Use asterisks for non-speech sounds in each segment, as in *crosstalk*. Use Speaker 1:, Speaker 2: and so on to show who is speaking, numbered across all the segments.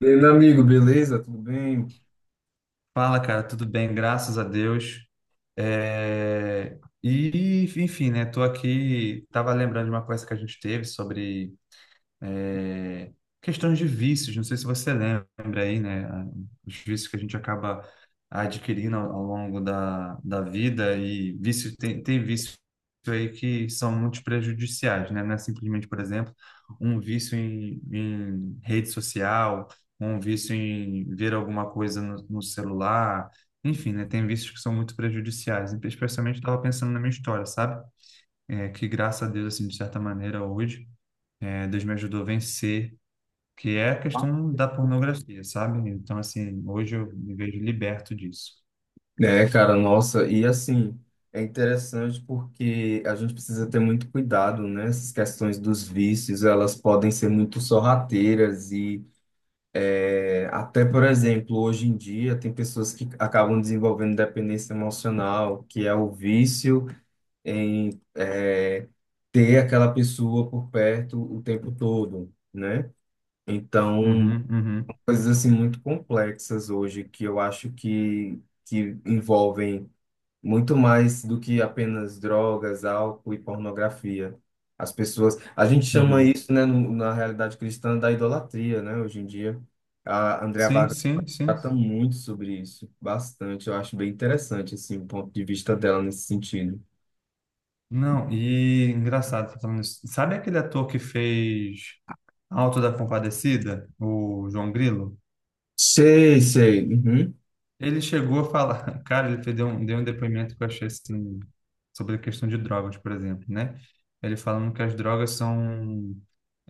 Speaker 1: E aí, meu amigo, beleza? Tudo bem?
Speaker 2: Fala, cara, tudo bem? Graças a Deus. É, E, enfim, né? Tô aqui, tava lembrando de uma coisa que a gente teve sobre é, questões de vícios, não sei se você lembra aí, né, os vícios que a gente acaba adquirindo ao longo da vida e vício, tem vícios aí que são muito prejudiciais, né, não é simplesmente, por exemplo, um vício em rede social, um vício em ver alguma coisa no celular, enfim, né, tem vícios que são muito prejudiciais, especialmente estava pensando na minha história, sabe? Que graças a Deus, assim, de certa maneira, hoje, Deus me ajudou a vencer, que é a questão da pornografia, sabe? Então, assim, hoje eu me vejo liberto disso.
Speaker 1: É, cara, nossa, e assim, é interessante porque a gente precisa ter muito cuidado, né? Essas questões dos vícios, elas podem ser muito sorrateiras e até, por exemplo, hoje em dia tem pessoas que acabam desenvolvendo dependência emocional, que é o vício em ter aquela pessoa por perto o tempo todo, né? Então,
Speaker 2: Uhum, uhum,
Speaker 1: coisas assim muito complexas hoje que eu acho que envolvem muito mais do que apenas drogas, álcool e pornografia. As pessoas, a gente chama
Speaker 2: uhum.
Speaker 1: isso, né, na realidade cristã da idolatria, né, hoje em dia. A Andrea
Speaker 2: Sim,
Speaker 1: Vargas
Speaker 2: sim, sim.
Speaker 1: trata muito sobre isso, bastante. Eu acho bem interessante assim o ponto de vista dela nesse sentido.
Speaker 2: Não, e engraçado, você tá falando isso. Sabe aquele ator que fez Auto da Compadecida, o João Grilo?
Speaker 1: Sei, sei. Uhum.
Speaker 2: Ele chegou a falar, *laughs* cara, ele deu um depoimento que eu achei assim, sobre a questão de drogas, por exemplo, né? Ele falando que as drogas são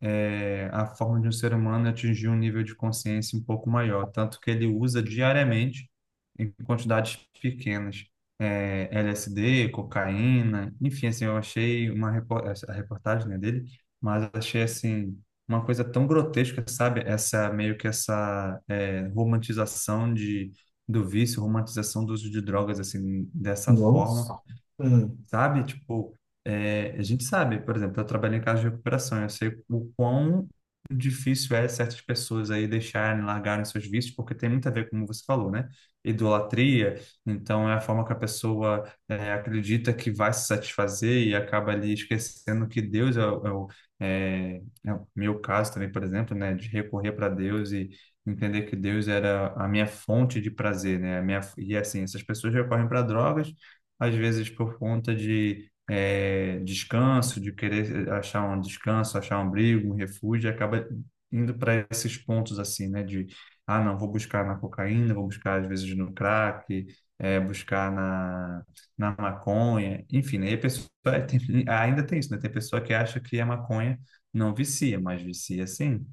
Speaker 2: a forma de um ser humano atingir um nível de consciência um pouco maior, tanto que ele usa diariamente em quantidades pequenas, LSD, cocaína, enfim, assim, eu achei a reportagem, né, dele, mas achei assim uma coisa tão grotesca, sabe? Essa meio que essa romantização de do vício, romantização do uso de drogas assim dessa forma,
Speaker 1: Nossa. Hum.
Speaker 2: sabe? Tipo, a gente sabe, por exemplo, eu trabalho em casa de recuperação, eu sei o quão difícil é certas pessoas aí deixarem, largarem seus vícios, porque tem muito a ver, como você falou, né? Idolatria. Então é a forma que a pessoa é, acredita que vai se satisfazer e acaba ali esquecendo que Deus é o meu caso também, por exemplo, né? De recorrer para Deus e entender que Deus era a minha fonte de prazer, né? A minha, e assim, essas pessoas recorrem para drogas às vezes por conta de descanso, de querer achar um descanso, achar um abrigo, um refúgio, e acaba indo para esses pontos assim, né? De, ah, não, vou buscar na cocaína, vou buscar às vezes no crack, buscar na maconha, enfim, aí a pessoa *laughs* ainda tem isso, né? Tem pessoa que acha que a maconha não vicia, mas vicia sim.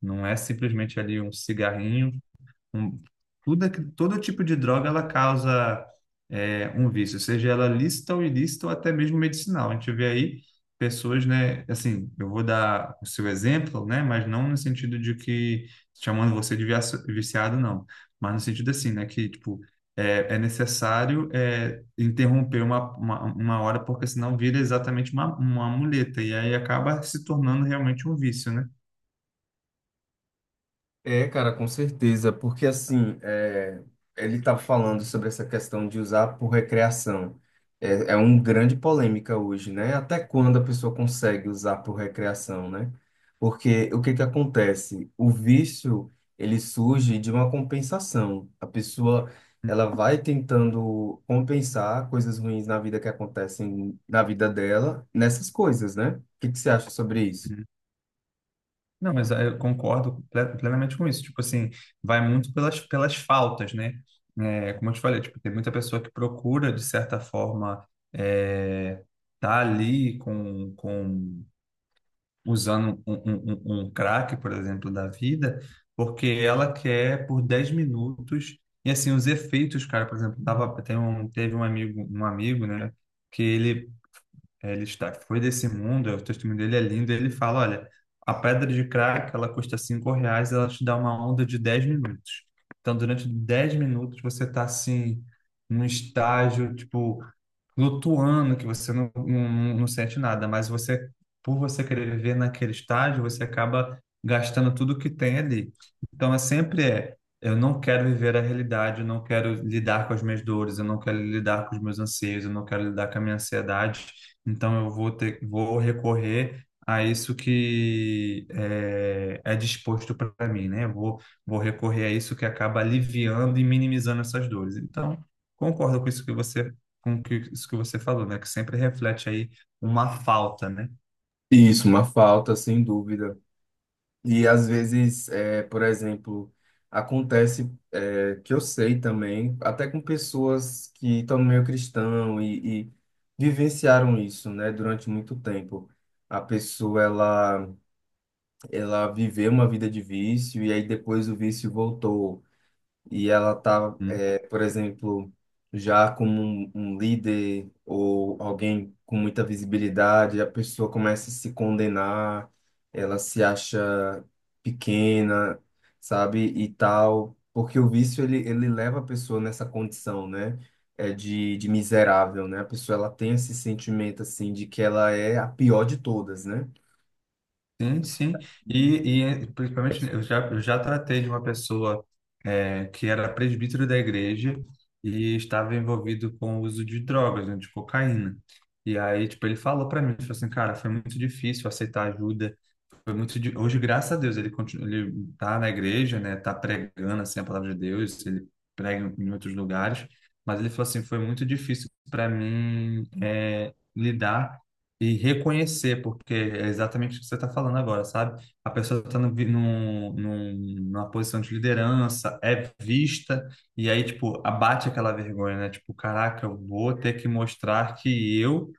Speaker 2: Não é simplesmente ali um cigarrinho um, tudo, todo tipo de droga ela causa um vício, seja ela lícita ou ilícita ou até mesmo medicinal. A gente vê aí pessoas, né? Assim, eu vou dar o seu exemplo, né? Mas não no sentido de que chamando você de viciado, não. Mas no sentido assim, né? Que tipo é necessário, interromper uma hora, porque senão vira exatamente uma muleta e aí acaba se tornando realmente um vício, né?
Speaker 1: É, cara, com certeza, porque assim, é, ele estava falando sobre essa questão de usar por recreação. É, é uma grande polêmica hoje, né? Até quando a pessoa consegue usar por recreação, né? Porque o que que acontece? O vício, ele surge de uma compensação. A pessoa, ela vai tentando compensar coisas ruins na vida que acontecem na vida dela, nessas coisas, né? O que que você acha sobre isso?
Speaker 2: Não, mas ah, eu concordo plenamente com isso. Tipo assim, vai muito pelas faltas, né? É, como eu te falei, tipo, tem muita pessoa que procura, de certa forma, é, tá ali com usando um crack, por exemplo, da vida, porque ela quer por 10 minutos. E assim, os efeitos, cara, por exemplo, teve um amigo, né? Que ele foi desse mundo, é o testemunho dele, é lindo, ele fala, olha, a pedra de crack, ela custa R$ 5, ela te dá uma onda de 10 minutos. Então, durante 10 minutos, você está, assim, num estágio, tipo, flutuando, que você não sente nada, mas você, por você querer viver naquele estágio, você acaba gastando tudo que tem ali. Então, é sempre, eu não quero viver a realidade, eu não quero lidar com as minhas dores, eu não quero lidar com os meus anseios, eu não quero lidar com a minha ansiedade. Então eu vou recorrer a isso que é disposto para mim, né? Vou recorrer a isso que acaba aliviando e minimizando essas dores. Então, concordo com isso que você, isso que você falou, né? Que sempre reflete aí uma falta, né?
Speaker 1: Isso, uma falta, sem dúvida. E às vezes, é, por exemplo, acontece é, que eu sei também, até com pessoas que estão no meio cristão e vivenciaram isso, né, durante muito tempo. A pessoa, ela viveu uma vida de vício e aí depois o vício voltou e ela tá,
Speaker 2: Hum.
Speaker 1: é, por exemplo, já como um líder ou alguém com muita visibilidade, a pessoa começa a se condenar, ela se acha pequena, sabe, e tal, porque o vício ele leva a pessoa nessa condição, né? É de miserável, né? A pessoa ela tem esse sentimento assim de que ela é a pior de todas, né?
Speaker 2: Sim, sim. E, principalmente, eu já tratei de uma pessoa, que era presbítero da igreja e estava envolvido com o uso de drogas, né, de cocaína. E aí, tipo, ele falou para mim, ele falou assim, cara, foi muito difícil aceitar ajuda, foi muito hoje, graças a Deus, ele continua, ele tá na igreja, né, tá pregando assim a palavra de Deus, ele prega em outros lugares, mas ele falou assim, foi muito difícil para mim, lidar e reconhecer, porque é exatamente o que você está falando agora, sabe, a pessoa está numa posição de liderança, é vista, e aí tipo abate aquela vergonha, né, tipo caraca, eu vou ter que mostrar que eu,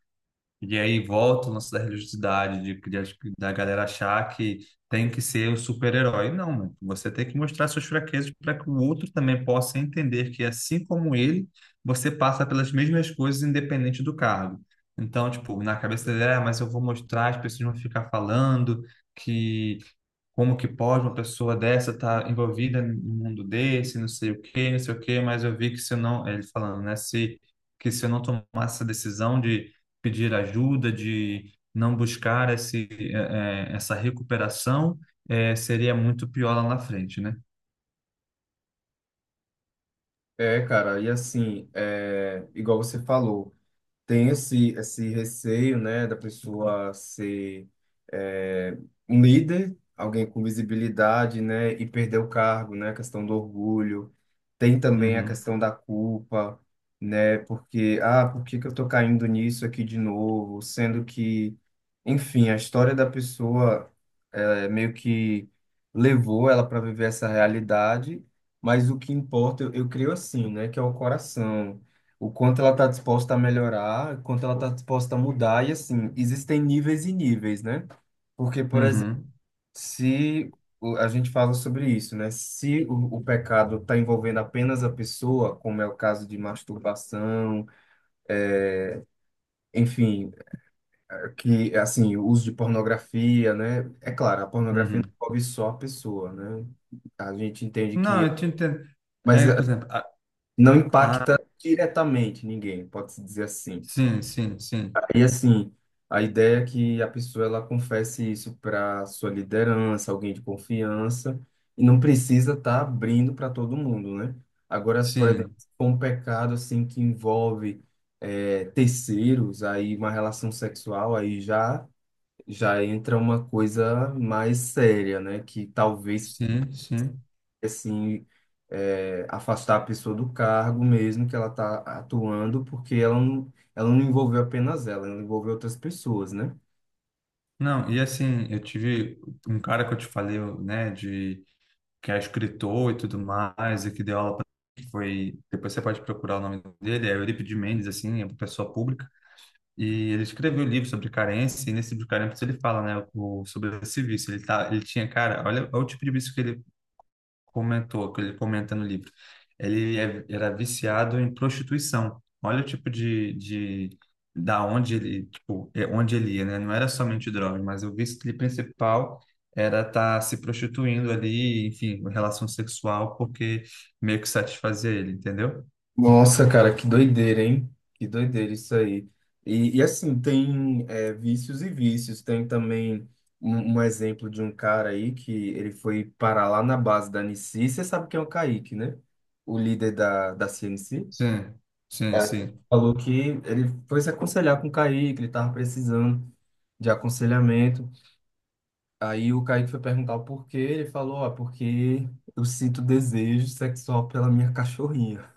Speaker 2: e aí volta o lance da religiosidade, da galera achar que tem que ser o super-herói. Não, mano. Você tem que mostrar suas fraquezas para que o outro também possa entender que, assim como ele, você passa pelas mesmas coisas, independente do cargo. Então, tipo, na cabeça dele, ah, mas eu vou mostrar, as pessoas vão ficar falando que como que pode uma pessoa dessa estar envolvida no mundo desse, não sei o quê, não sei o quê, mas eu vi que, se eu não, ele falando, né, se eu não tomasse essa decisão de pedir ajuda, de não buscar essa recuperação, seria muito pior lá na frente, né?
Speaker 1: É, cara, e assim, é, igual você falou. Tem esse receio, né, da pessoa ser é, um líder, alguém com visibilidade, né, e perder o cargo, né, a questão do orgulho. Tem também a
Speaker 2: Uhum,
Speaker 1: questão da culpa, né, porque, ah, por que que eu tô caindo nisso aqui de novo? Sendo que, enfim, a história da pessoa é, meio que levou ela para viver essa realidade, mas o que importa, eu creio assim, né, que é o coração, o quanto ela está disposta a melhorar, o quanto ela está disposta a mudar, e assim, existem níveis e níveis, né? Porque, por exemplo,
Speaker 2: uhum,
Speaker 1: se a gente fala sobre isso, né? Se o pecado está envolvendo apenas a pessoa, como é o caso de masturbação, enfim, que, assim, o uso de pornografia, né? É claro, a pornografia não
Speaker 2: uhum.
Speaker 1: envolve só a pessoa, né? A gente entende
Speaker 2: Não,
Speaker 1: que,
Speaker 2: eu te entendo.
Speaker 1: mas
Speaker 2: Por exemplo,
Speaker 1: não
Speaker 2: a,
Speaker 1: impacta diretamente ninguém, pode-se dizer assim.
Speaker 2: sim, sim, sim,
Speaker 1: E assim, a ideia é que a pessoa ela confesse isso para sua liderança, alguém de confiança, e não precisa estar abrindo para todo mundo, né? Agora, por exemplo,
Speaker 2: sim,
Speaker 1: se for um pecado assim que envolve terceiros, aí uma relação sexual, aí já entra uma coisa mais séria, né? Que talvez,
Speaker 2: sim, sim.
Speaker 1: assim, é, afastar a pessoa do cargo mesmo que ela está atuando, porque ela não envolveu apenas ela, ela envolveu outras pessoas, né?
Speaker 2: Não, e assim, eu tive um cara que eu te falei, né, de que é escritor e tudo mais, e que deu aula que foi, depois você pode procurar o nome dele, é Eurípides Mendes, assim, é uma pessoa pública, e ele escreveu um livro sobre carência, e nesse livro de carência ele fala, né, sobre esse vício, ele tinha, cara, olha, olha o tipo de vício que ele que ele comenta no livro. Ele era viciado em prostituição. Olha o tipo de da onde ele, tipo, é onde ele ia, né? Não era somente drogas, mas o vício dele principal era estar se prostituindo ali, enfim, relação sexual, porque meio que satisfazia ele, entendeu?
Speaker 1: Nossa, cara, que doideira, hein? Que doideira isso aí. E assim, tem é, vícios e vícios. Tem também um exemplo de um cara aí que ele foi parar lá na base da Nici. Você sabe quem é o Kaique, né? O líder da CNC.
Speaker 2: Sim, sim,
Speaker 1: É, ele
Speaker 2: sim.
Speaker 1: falou que ele foi se aconselhar com o Kaique, que ele estava precisando de aconselhamento. Aí o Kaique foi perguntar o porquê, ele falou, ó, porque eu sinto desejo sexual pela minha cachorrinha.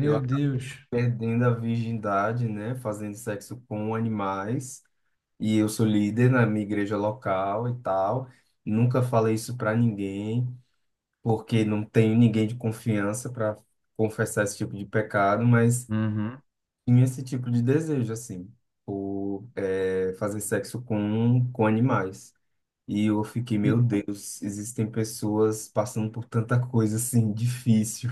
Speaker 1: Eu acabo
Speaker 2: Deus.
Speaker 1: perdendo a virgindade, né, fazendo sexo com animais, e eu sou líder na minha igreja local e tal. Nunca falei isso para ninguém, porque não tenho ninguém de confiança para confessar esse tipo de pecado, mas
Speaker 2: Uhum.
Speaker 1: tinha esse tipo de desejo, assim, por é, fazer sexo com animais. E eu fiquei,
Speaker 2: E,
Speaker 1: meu Deus, existem pessoas passando por tanta coisa, assim, difícil,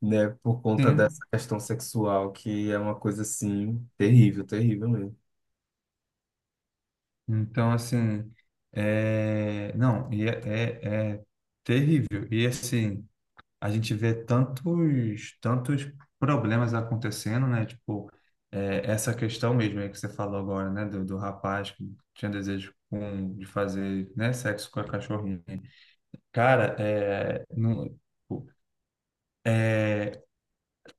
Speaker 1: né, por conta
Speaker 2: sim.
Speaker 1: dessa questão sexual, que é uma coisa, assim, terrível, terrível mesmo.
Speaker 2: Então, assim, não, e é terrível. E assim, a gente vê tantos, tantos problemas acontecendo, né? Tipo, essa questão mesmo aí que você falou agora, né? Do rapaz que tinha desejo de fazer, né? Sexo com a cachorrinha. Cara, não, tipo,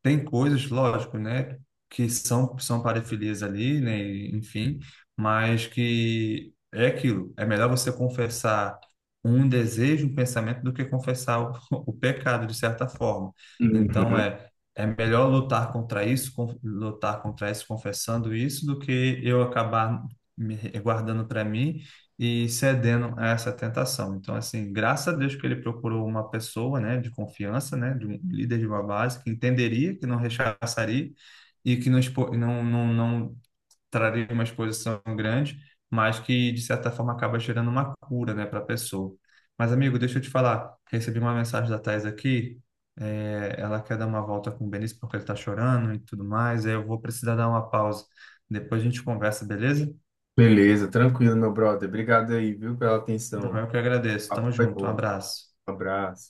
Speaker 2: tem coisas, lógico, né, que são parafilias ali, né, e, enfim, mas que é aquilo. É melhor você confessar um desejo, um pensamento, do que confessar *laughs* o pecado, de certa forma. Então,
Speaker 1: Uhum.
Speaker 2: é melhor lutar contra isso, lutar contra isso, confessando isso, do que eu acabar me guardando para mim e cedendo a essa tentação. Então, assim, graças a Deus que ele procurou uma pessoa, né, de confiança, né, de um líder de uma base que entenderia, que não rechaçaria e que não traria uma exposição grande, mas que, de certa forma, acaba gerando uma cura, né, para a pessoa. Mas, amigo, deixa eu te falar, recebi uma mensagem da Thais aqui, ela quer dar uma volta com o Benício porque ele está chorando e tudo mais, aí eu vou precisar dar uma pausa. Depois a gente conversa, beleza?
Speaker 1: Beleza, tranquilo, meu brother. Obrigado aí, viu, pela atenção.
Speaker 2: Não,
Speaker 1: O
Speaker 2: eu que agradeço.
Speaker 1: papo
Speaker 2: Tamo
Speaker 1: foi
Speaker 2: junto. Um
Speaker 1: bom.
Speaker 2: abraço.
Speaker 1: Um abraço.